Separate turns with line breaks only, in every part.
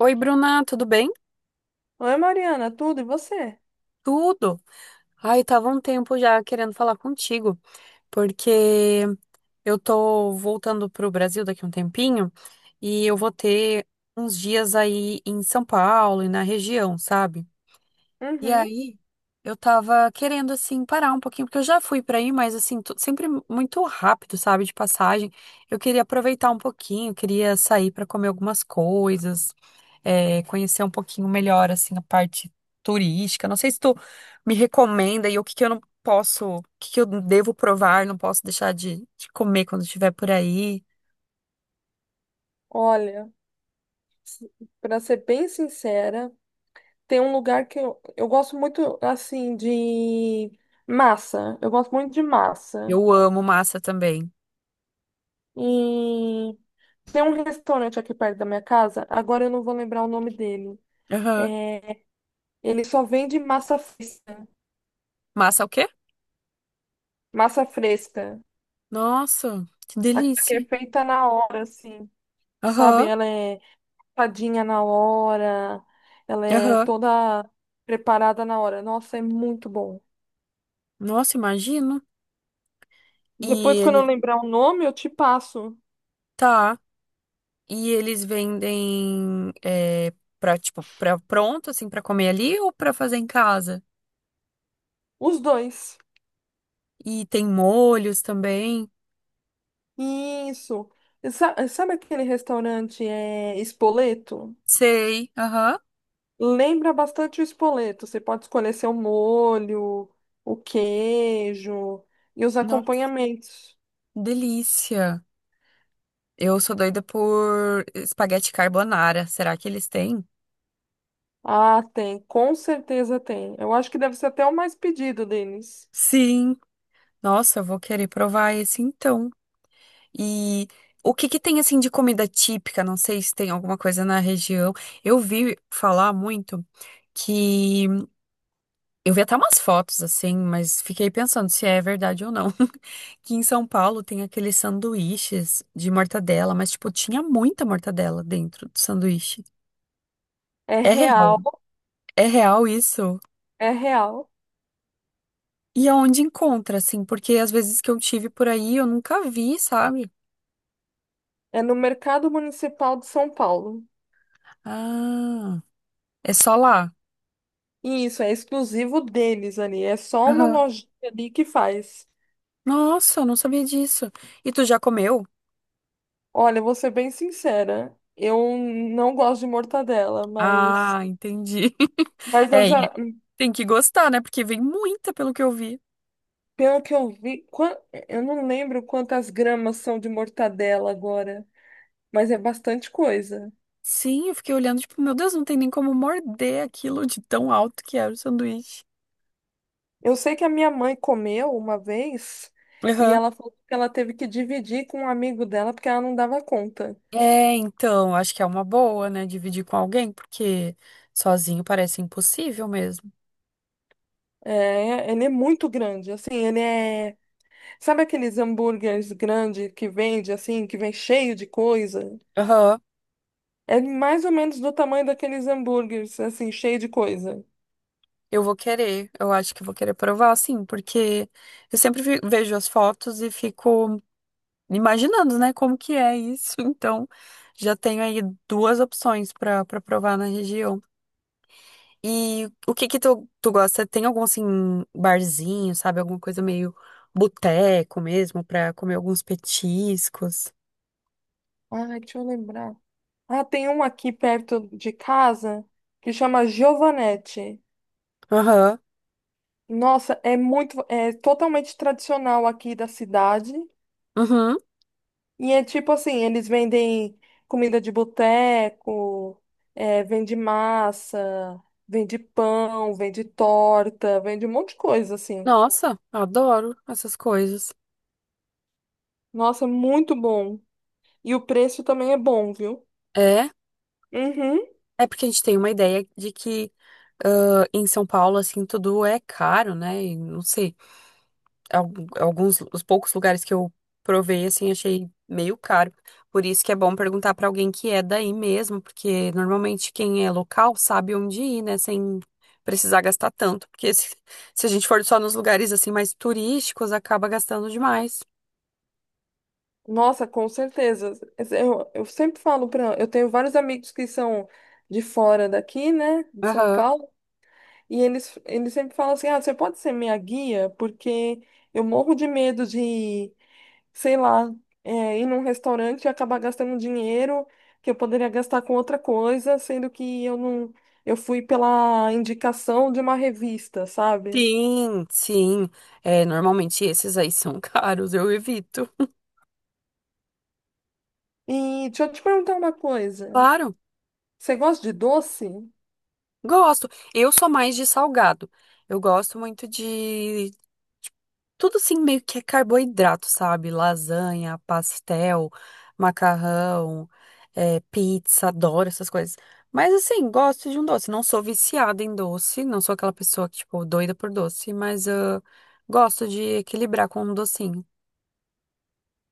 Oi, Bruna, tudo bem?
Oi, Mariana, tudo e você?
Tudo. Ai, tava um tempo já querendo falar contigo, porque eu tô voltando pro Brasil daqui a um tempinho e eu vou ter uns dias aí em São Paulo e na região, sabe? E
Uhum.
aí, eu tava querendo, assim, parar um pouquinho, porque eu já fui pra aí, mas, assim, sempre muito rápido, sabe, de passagem. Eu queria aproveitar um pouquinho, queria sair pra comer algumas coisas, conhecer um pouquinho melhor, assim, a parte turística. Não sei se tu me recomenda e o que que eu não posso, o que que eu devo provar, não posso deixar de comer quando estiver por aí.
Olha, para ser bem sincera, tem um lugar que eu gosto muito, assim, de massa. Eu gosto muito de massa.
Eu amo massa também.
E tem um restaurante aqui perto da minha casa, agora eu não vou lembrar o nome dele.
Aham.
É, ele só vende massa fresca.
Massa é o quê?
Massa fresca.
Nossa, que
A que é
delícia.
feita na hora, assim. Sabe?
Aham,
Ela é tadinha na hora, ela é
aham.
toda preparada na hora. Nossa, é muito bom.
Nossa, imagino. E
Depois, quando eu
ele
lembrar o nome, eu te passo
tá. E eles vendem pra, tipo, pra pronto, assim, pra comer ali ou pra fazer em casa?
os dois.
E tem molhos também.
Isso. E sabe aquele restaurante é Espoleto?
Sei, aham.
Lembra bastante o Espoleto. Você pode escolher seu molho, o queijo e os
Nossa,
acompanhamentos.
delícia. Eu sou doida por espaguete carbonara. Será que eles têm?
Ah, tem, com certeza tem. Eu acho que deve ser até o mais pedido deles.
Sim. Nossa, eu vou querer provar esse então. E o que que tem, assim, de comida típica? Não sei se tem alguma coisa na região. Eu vi falar muito que eu vi até umas fotos assim, mas fiquei pensando se é verdade ou não. Que em São Paulo tem aqueles sanduíches de mortadela, mas tipo, tinha muita mortadela dentro do sanduíche.
É
É real,
real,
é real isso.
é real.
E aonde encontra, assim, porque às vezes que eu tive por aí eu nunca vi, sabe?
É no Mercado Municipal de São Paulo.
Ah, é só lá.
E isso é exclusivo deles ali. É só uma
Aham.
lojinha ali que faz.
Nossa, eu não sabia disso. E tu já comeu?
Olha, vou ser bem sincera. Eu não gosto de mortadela,
Ah, entendi.
mas eu
É, e
já,
tem que gostar, né? Porque vem muita, pelo que eu vi.
pelo que eu vi, eu não lembro quantas gramas são de mortadela agora, mas é bastante coisa.
Sim, eu fiquei olhando, tipo, meu Deus, não tem nem como morder aquilo de tão alto que era o sanduíche.
Eu sei que a minha mãe comeu uma vez e
Aham.
ela falou que ela teve que dividir com um amigo dela porque ela não dava conta.
É, então, acho que é uma boa, né? Dividir com alguém, porque sozinho parece impossível mesmo.
É, ele é muito grande, assim, ele é. Sabe aqueles hambúrgueres grandes que vende, assim, que vem cheio de coisa?
Aham.
É mais ou menos do tamanho daqueles hambúrgueres, assim, cheio de coisa.
Eu vou querer, eu acho que eu vou querer provar, sim, porque eu sempre vejo as fotos e fico imaginando, né, como que é isso. Então, já tenho aí duas opções para provar na região. E o que que tu gosta? Tem algum, assim, barzinho, sabe? Alguma coisa meio boteco mesmo, pra comer alguns petiscos?
Ai, deixa eu lembrar. Ah, tem um aqui perto de casa que chama Giovanetti.
Aham.
Nossa, é muito, é totalmente tradicional aqui da cidade.
Uhum.
E é tipo assim, eles vendem comida de boteco, vende massa, vende pão, vende torta, vende um monte de coisa, assim.
Nossa, adoro essas coisas.
Nossa, muito bom. E o preço também é bom, viu?
É,
Uhum.
é porque a gente tem uma ideia de que em São Paulo, assim, tudo é caro, né? E não sei. Alguns, os poucos lugares que eu provei, assim, achei meio caro. Por isso que é bom perguntar pra alguém que é daí mesmo, porque normalmente quem é local sabe onde ir, né, sem precisar gastar tanto, porque se a gente for só nos lugares assim mais turísticos, acaba gastando demais.
Nossa, com certeza. Eu sempre falo para, eu tenho vários amigos que são de fora daqui, né, de São
Aham.
Paulo, e eles sempre falam assim: "Ah, você pode ser minha guia, porque eu morro de medo de, sei lá, ir num restaurante e acabar gastando dinheiro que eu poderia gastar com outra coisa, sendo que eu não eu fui pela indicação de uma revista, sabe?
Sim, sim. É, normalmente esses aí são caros, eu evito.
E deixa eu te perguntar uma coisa.
Claro,
Você gosta de doce?
gosto. Eu sou mais de salgado. Eu gosto muito de tudo assim meio que é carboidrato, sabe? Lasanha, pastel, macarrão, pizza, adoro essas coisas. Mas assim, gosto de um doce. Não sou viciada em doce, não sou aquela pessoa que, tipo, doida por doce, mas ah, gosto de equilibrar com um docinho.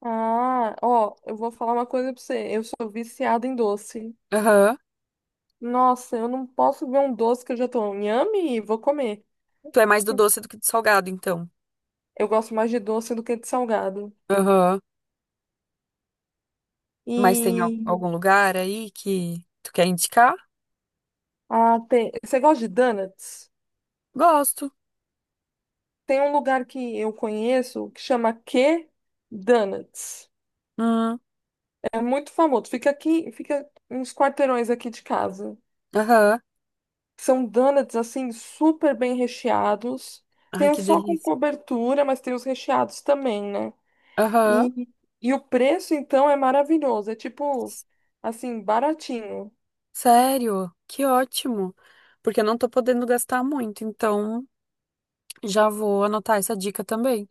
Ah, ó, eu vou falar uma coisa pra você. Eu sou viciada em doce.
Aham.
Nossa, eu não posso ver um doce que eu já tô nhame e vou comer.
Tu é mais do doce do que do salgado, então.
Eu gosto mais de doce do que de salgado.
Aham. Mas tem
E
algum lugar aí que tu quer indicar?
ah, tem... você gosta de donuts?
Gosto.
Tem um lugar que eu conheço que chama Q Donuts.
Hum.
É muito famoso. Fica aqui, fica uns quarteirões aqui de casa.
Aham.
São donuts assim super bem recheados.
Ai,
Tem os
que
só com
delícia.
cobertura, mas tem os recheados também, né?
Aham.
E, e o preço então é maravilhoso, é tipo assim, baratinho.
Sério? Que ótimo! Porque eu não tô podendo gastar muito, então já vou anotar essa dica também.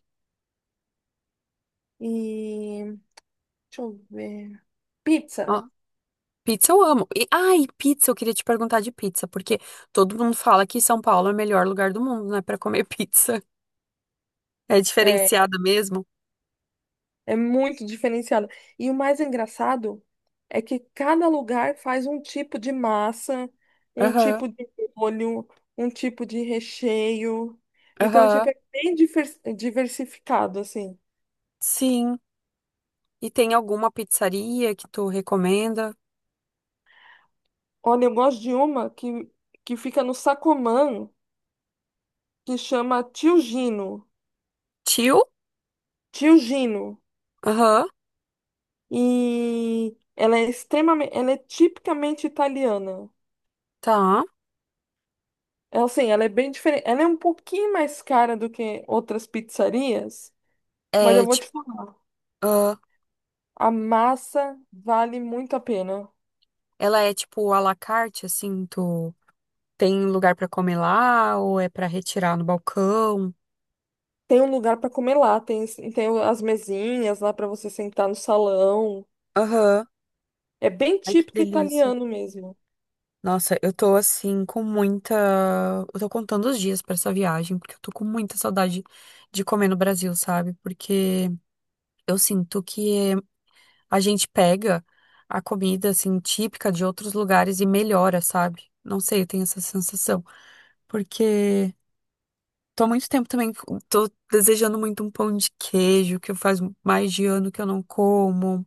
E deixa eu ver. Pizza
Ó, pizza eu amo. E, ai, pizza, eu queria te perguntar de pizza, porque todo mundo fala que São Paulo é o melhor lugar do mundo, né, pra comer pizza. É
é,
diferenciada mesmo?
é muito diferenciada. E o mais engraçado é que cada lugar faz um tipo de massa, um
Aham,
tipo de molho, um tipo de recheio. Então,
aham,
tipo, é bem diversificado, assim.
sim. E tem alguma pizzaria que tu recomenda?
Olha, eu gosto de uma que fica no Sacomã, que chama Tio Gino.
Tio?
Tio Gino.
Aham,
E ela é extremamente, ela é tipicamente italiana.
tá.
É assim, ela é bem diferente. Ela é um pouquinho mais cara do que outras pizzarias, mas eu
É,
vou
tipo,
te falar,
ah,
a massa vale muito a pena.
ela é tipo à la carte, assim, tu. Tem lugar pra comer lá ou é pra retirar no balcão?
Tem um lugar para comer lá, tem, tem as mesinhas lá para você sentar no salão.
Aham.
É bem
Ai, que
típico
delícia.
italiano mesmo.
Nossa, eu tô assim com muita. Eu tô contando os dias pra essa viagem, porque eu tô com muita saudade de comer no Brasil, sabe? Porque eu sinto que a gente pega a comida assim típica de outros lugares e melhora, sabe? Não sei, eu tenho essa sensação. Porque tô há muito tempo também, tô desejando muito um pão de queijo, que faz mais de ano que eu não como.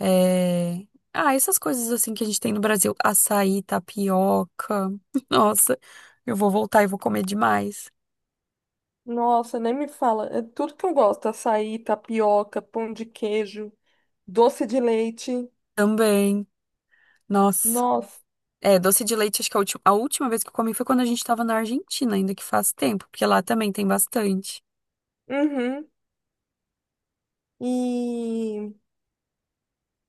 É... Ah, essas coisas assim que a gente tem no Brasil. Açaí, tapioca. Nossa, eu vou voltar e vou comer demais.
Nossa, nem me fala. É tudo que eu gosto: açaí, tapioca, pão de queijo, doce de leite.
Também. Nossa.
Nossa.
É, doce de leite, acho que a última vez que eu comi foi quando a gente tava na Argentina, ainda que faz tempo, porque lá também tem bastante.
Uhum. E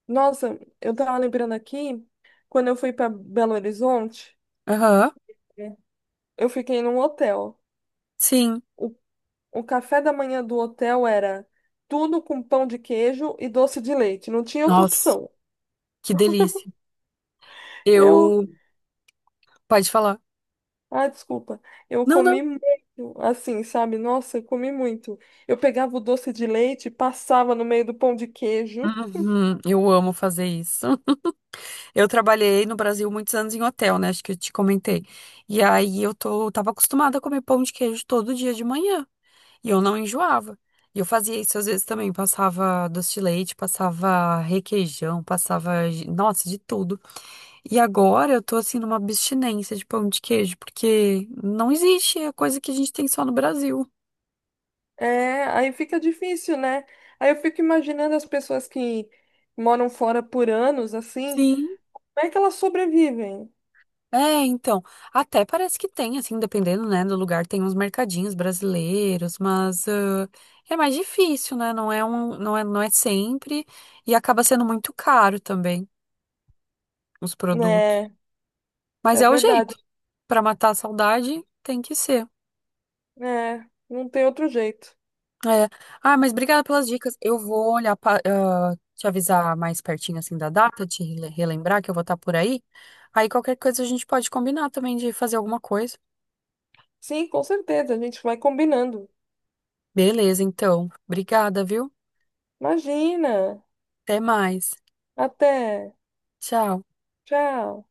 nossa, eu tava lembrando aqui, quando eu fui para Belo Horizonte,
Aham.
é, eu fiquei num hotel.
Sim.
O, o café da manhã do hotel era tudo com pão de queijo e doce de leite. Não tinha outra
Nossa,
opção.
que delícia.
Eu.
Eu. Pode falar.
Ah, desculpa. Eu
Não, não.
comi muito, assim, sabe? Nossa, eu comi muito. Eu pegava o doce de leite, passava no meio do pão de queijo.
Uhum, eu amo fazer isso. Eu trabalhei no Brasil muitos anos em hotel, né? Acho que eu te comentei. E aí eu tava acostumada a comer pão de queijo todo dia de manhã. E eu não enjoava. E eu fazia isso às vezes também. Passava doce de leite, passava requeijão, passava, nossa, de tudo. E agora eu tô assim numa abstinência de pão de queijo, porque não existe, é coisa que a gente tem só no Brasil.
É, aí fica difícil, né? Aí eu fico imaginando as pessoas que moram fora por anos, assim,
Sim.
como é que elas sobrevivem,
É, então, até parece que tem, assim, dependendo, né, do lugar, tem uns mercadinhos brasileiros, mas ah, é mais difícil, né? Não é sempre e acaba sendo muito caro também os produtos.
né?
Mas
É
é o jeito.
verdade.
Pra matar a saudade, tem que ser.
É, não tem outro jeito.
É. Ah, mas obrigada pelas dicas. Eu vou olhar te avisar mais pertinho assim da data, relembrar que eu vou estar por aí. Aí qualquer coisa a gente pode combinar também de fazer alguma coisa.
Sim, com certeza, a gente vai combinando.
Beleza, então. Obrigada, viu?
Imagina.
Até mais.
Até.
Tchau.
Tchau.